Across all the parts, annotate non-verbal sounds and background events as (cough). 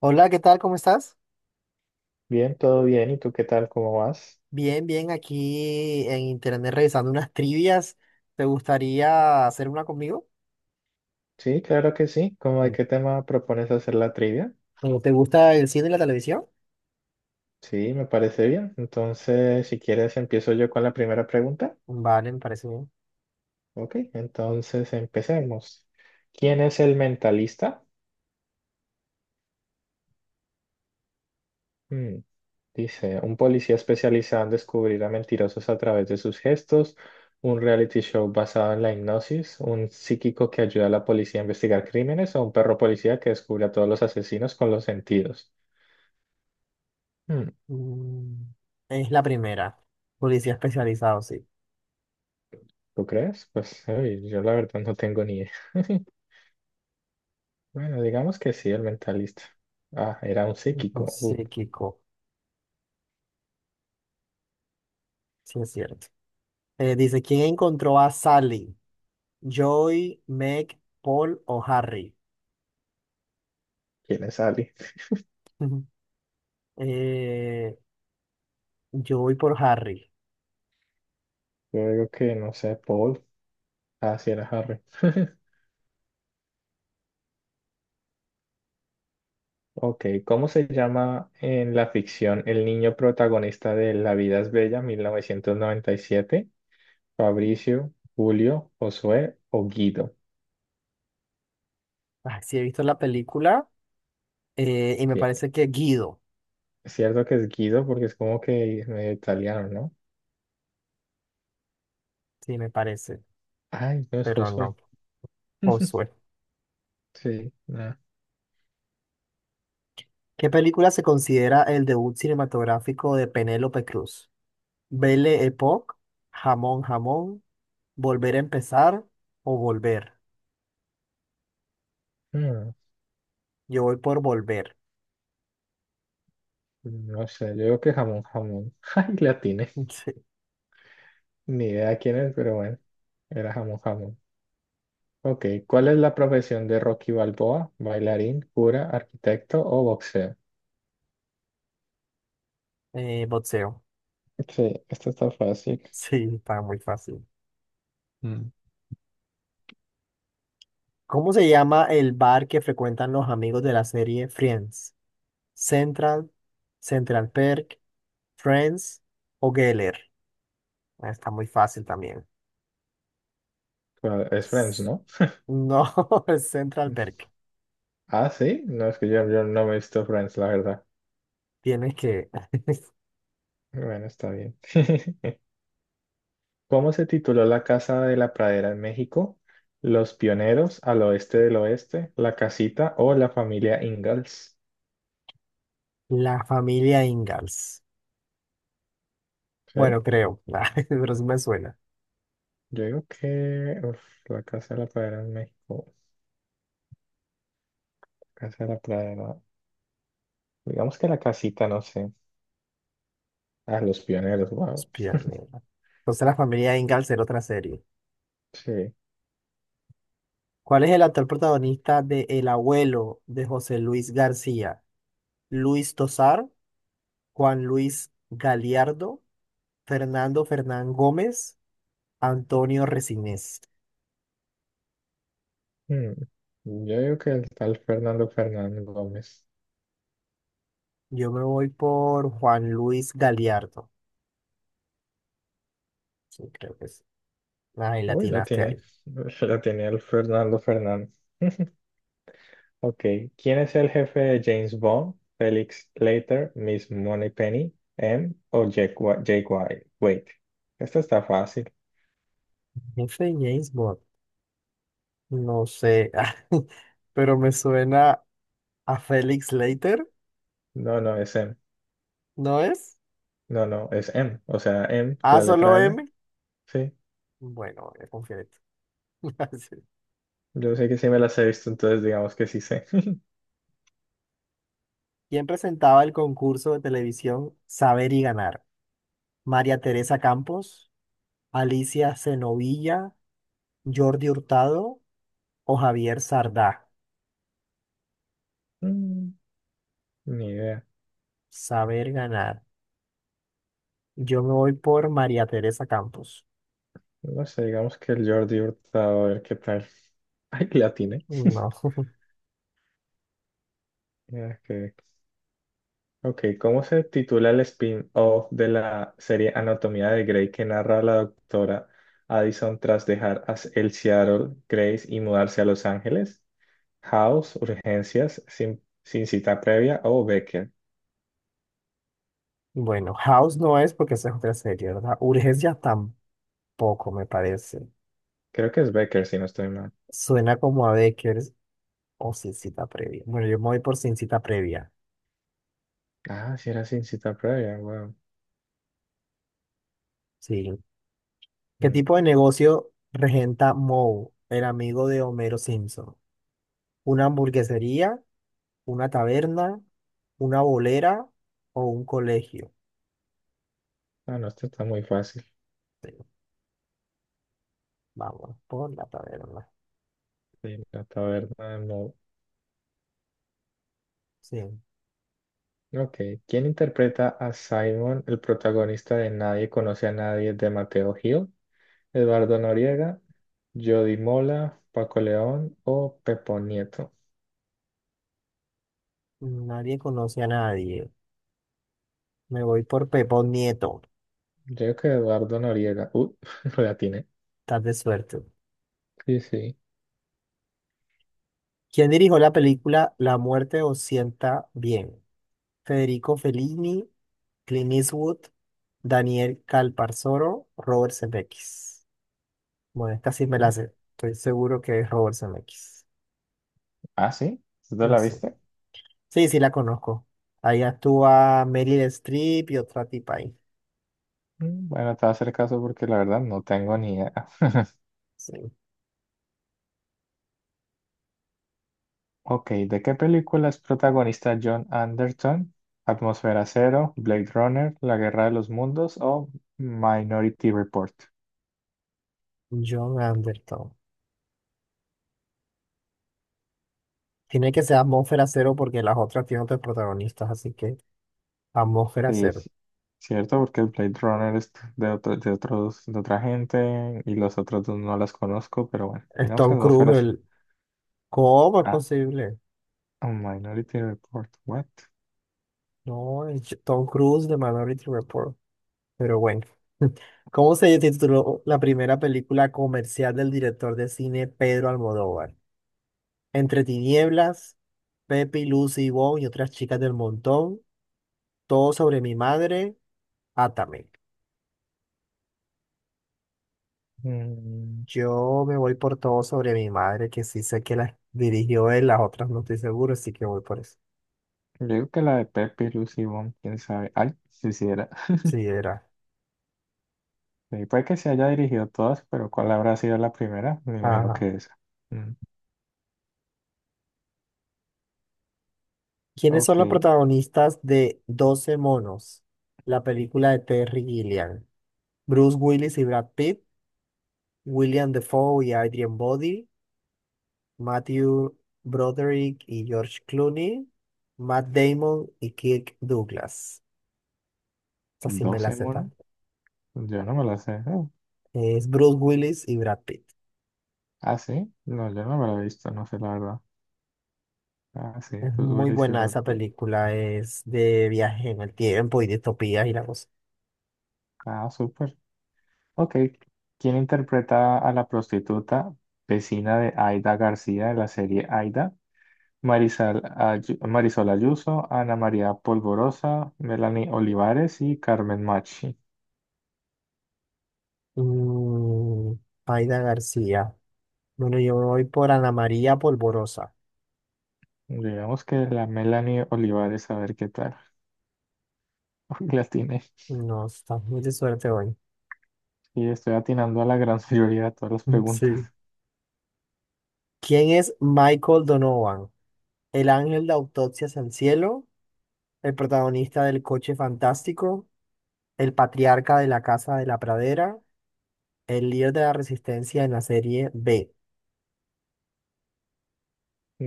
Hola, ¿qué tal? ¿Cómo estás? Bien, todo bien. ¿Y tú qué tal? ¿Cómo vas? Bien, bien, aquí en internet revisando unas trivias. ¿Te gustaría hacer una conmigo? Sí, claro que sí. ¿Cómo de Mm. qué tema propones hacer la trivia? ¿O ¿Te gusta el cine y la televisión? Sí, me parece bien. Entonces, si quieres, empiezo yo con la primera pregunta. Vale, me parece bien. Ok, entonces empecemos. ¿Quién es el mentalista? Mm, dice, un policía especializado en descubrir a mentirosos a través de sus gestos, un reality show basado en la hipnosis, un psíquico que ayuda a la policía a investigar crímenes o un perro policía que descubre a todos los asesinos con los sentidos. Hmm, Mm, Es la primera. Policía especializado, sí. ¿Tú crees? Pues uy, yo la verdad no tengo ni idea. (laughs) Bueno, digamos que sí, el mentalista. Ah, era un Ujú, psíquico. Uf, psíquico, sí es cierto. Dice, ¿quién encontró a Sally? ¿Joy, Meg, Paul o Harry? ¿quién es Ali? Ujú. Eh, yo voy por Harry. Yo digo que no sé, Paul. Ah, sí, era Harry. (laughs) Ok, ¿cómo se llama en la ficción el niño protagonista de La vida es bella, 1997? ¿Fabricio, Julio, Josué o Guido? Ah, sí, he visto la película, y me Sí, parece que Guido. es cierto que es Guido porque es como que medio italiano, ¿no? Sí, me parece, Ay, no es pero Josué. no. (laughs) Josué. Sí, ¿Qué película se considera el debut cinematográfico de Penélope Cruz? Belle Époque, Jamón Jamón, Volver a empezar o Volver. no. Yo voy por Volver. No sé, yo digo que jamón, jamón. (laughs) Ay, la tiene. (laughs) Sí. Ni idea quién es, pero bueno, era jamón, jamón. Ok, ¿cuál es la profesión de Rocky Balboa? ¿Bailarín, cura, arquitecto o boxeo? Boxeo. Sí, esto está fácil. Sí, está muy fácil. Mm. ¿Cómo se llama el bar que frecuentan los amigos de la serie Friends? Central, Central Perk, Friends o Geller. Ah, está muy fácil también. Bueno, es Friends, S- ¿no? No, (laughs) es Central (laughs) Perk. Ah, sí, no es que yo no me he visto Friends, la verdad. Tienes que... (laughs) Bueno, está bien. (laughs) ¿Cómo se tituló La Casa de la Pradera en México? ¿Los pioneros al oeste del oeste, la casita o la familia Ingalls? La familia Ingalls. ¿Sí? Bueno, creo, (laughs) pero sí me suena. Yo digo que uf, la Casa de la Pradera en México, Casa de la Pradera, digamos que la casita, no sé, ah los pioneros, wow, Espía negra. Entonces la familia Ingalls era otra serie. sí. ¿Cuál es el actor protagonista de El abuelo de José Luis García? Luis Tosar, Juan Luis Galiardo, Fernando Fernán Gómez, Antonio Resinés. Mm. Yo digo que el tal Fernando Fernández Gómez. Yo me voy por Juan Luis Galiardo. Sí, creo que es. Ay, Uy, la latinaste tiene, ahí. (laughs) la tiene el Fernando Fernández. Ok, ¿quién es el jefe de James Bond? Felix Leiter, Miss Moneypenny, M o Jake, Jake White. Wait, esto está fácil. F. James Bond. No sé, (laughs) pero me suena a Felix Leiter, No, no, es M. ¿no es? No, no, es M. O sea, M, ¿A la solo letra M. M? Sí. Bueno, voy a confiar en ti. (laughs) Sí. Yo sé que sí me las he visto, entonces digamos que sí sé. (laughs) ¿Quién presentaba el concurso de televisión Saber y Ganar? ¿María Teresa Campos, Alicia Cenovilla, Jordi Hurtado o Javier Sardá? Mm, Ni idea. Saber Ganar. Yo me voy por María Teresa Campos. No sé, digamos que el Jordi Hurtado, a ver qué tal. (laughs) Ay, que la tiene. No, Ok, ok, ¿cómo se titula el spin-off de la serie Anatomía de Grey que narra a la doctora Addison tras dejar a el Seattle Grace y mudarse a Los Ángeles? House, Urgencias, sin cita previa o Becker. (laughs) bueno, House no es porque esa es otra serie, ¿verdad? Urgencia tampoco me parece. Creo que es Becker, si no estoy mal. Suena como a Bakers o sin cita previa. Bueno, yo me voy por sin cita previa. Ah, sí era sin cita previa, wow. Sí. ¿Qué Mm. tipo de negocio regenta Moe, el amigo de Homero Simpson? ¿Una hamburguesería, una taberna, una bolera o un colegio? Ah, no, esto está muy fácil. Pero vamos por la taberna. Sí, la taberna de Moe. Sí. Ok. ¿Quién interpreta a Simon, el protagonista de Nadie conoce a nadie de Mateo Gil? ¿Eduardo Noriega, Jody Mola, Paco León o Pepo Nieto? Nadie conoce a nadie. Me voy por Pepón Nieto. Yo creo que Eduardo Noriega. (laughs) Lo atiné. Estás de suerte. Sí, sí. ¿Quién dirigió la película La muerte os sienta bien? ¿Federico Fellini, Clint Eastwood? Daniel Calparsoro, Robert Zemeckis. Bueno, esta sí me la sé. Estoy seguro que es Robert Zemeckis. Ah, sí. ¿Tú te la Sí, viste? sí, sí la conozco. Ahí actúa Meryl Streep y otra tipa ahí. Bueno, te voy a hacer caso porque la verdad no tengo ni idea. Sí. Ok, ¿de qué película es protagonista John Anderton? ¿Atmósfera Cero, Blade Runner, La Guerra de los Mundos o Minority Report? John Anderton. Tiene que ser Atmósfera Cero porque las otras tienen otros protagonistas, así que Atmósfera Sí, Cero. sí, cierto, porque el Blade Runner es de otros, de otra gente y los otros dos no las conozco, pero bueno, Es digamos que Tom Atmósfera Cruise, Cero. el... ¿Cómo es Ah, posible? Minority Report, what? No, Tom Cruise de Minority Report. Pero bueno, (laughs) ¿cómo se tituló la primera película comercial del director de cine Pedro Almodóvar? Entre tinieblas, Pepe, y Lucy y Bon y otras chicas del montón, Todo sobre mi madre, Átame. Mm, Yo me voy por Todo sobre mi madre, que sí sé que la dirigió él, las otras no estoy seguro, así que voy por eso. yo digo que la de Pepe y Lucy Wong, quién sabe. Ay, si hiciera. Sí, (laughs) era. Sí, puede que se haya dirigido todas, pero ¿cuál habrá sido la primera? Me imagino que Ajá. esa. ¿Quiénes son Ok, los protagonistas de Doce monos? La película de Terry Gilliam. Bruce Willis y Brad Pitt. William Defoe y Adrian Brody, Matthew Broderick y George Clooney, Matt Damon y Kirk Douglas. Esa sí me la doce sé monos. tan. Yo no me la sé. Oh, Es Bruce Willis y Brad Pitt. Ah, sí. No, yo no me la he visto, no sé la verdad. Ah, sí, Es pues muy Willis y buena Brad esa Pitt. película, es de viaje en el tiempo y distopía y la cosa. Ah, súper. Ok. ¿Quién interpreta a la prostituta vecina de Aida García de la serie Aida? Marisol, Marisol Ayuso, Ana María Polvorosa, Melanie Olivares y Carmen Machi. Mm, Aida García. Bueno, yo me voy por Ana María Polvorosa. Digamos que la Melanie Olivares, a ver qué tal. (laughs) La tiene. No, estás muy de suerte hoy. Y estoy atinando a la gran (laughs) mayoría de todas las (laughs) preguntas. Sí. ¿Quién es Michael Donovan? ¿El ángel de autopsias al cielo? El protagonista del coche fantástico, el patriarca de la casa de la pradera, el líder de la resistencia en la serie B.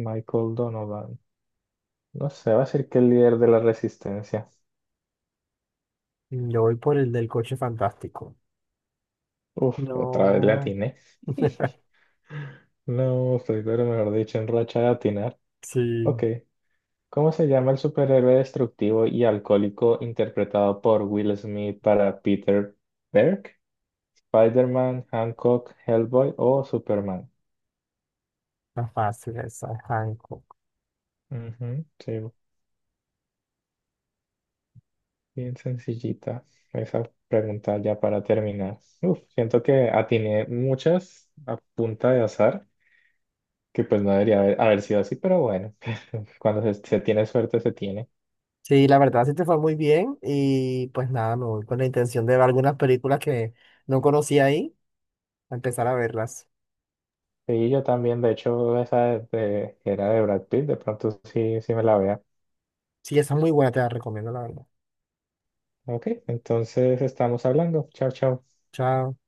Michael Donovan. No sé, va a ser que el líder de la resistencia. Yo voy por el del coche fantástico. Uf, otra vez le No. atiné. (laughs) (laughs) No, estoy, pero mejor dicho, en racha de atinar. Sí, Ok. ¿Cómo se llama el superhéroe destructivo y alcohólico interpretado por Will Smith para Peter Berg? ¿Spider-Man, Hancock, Hellboy o Superman? está fácil esa, Hancock. Ujú, sí, bien sencillita esa pregunta ya para terminar. Uf, siento que atiné muchas a punta de azar. Que pues no debería haber sido así, pero bueno, (laughs) cuando se tiene suerte, se tiene. Sí, la verdad sí te fue muy bien y pues nada, me voy con la intención de ver algunas películas que no conocía ahí, a empezar a verlas. Y yo también, de hecho, esa que era de Brad Pitt, de pronto sí, sí me la vea. Sí, esa es muy buena, te la recomiendo, la verdad. Ok, entonces estamos hablando. Chao, chao. Chao.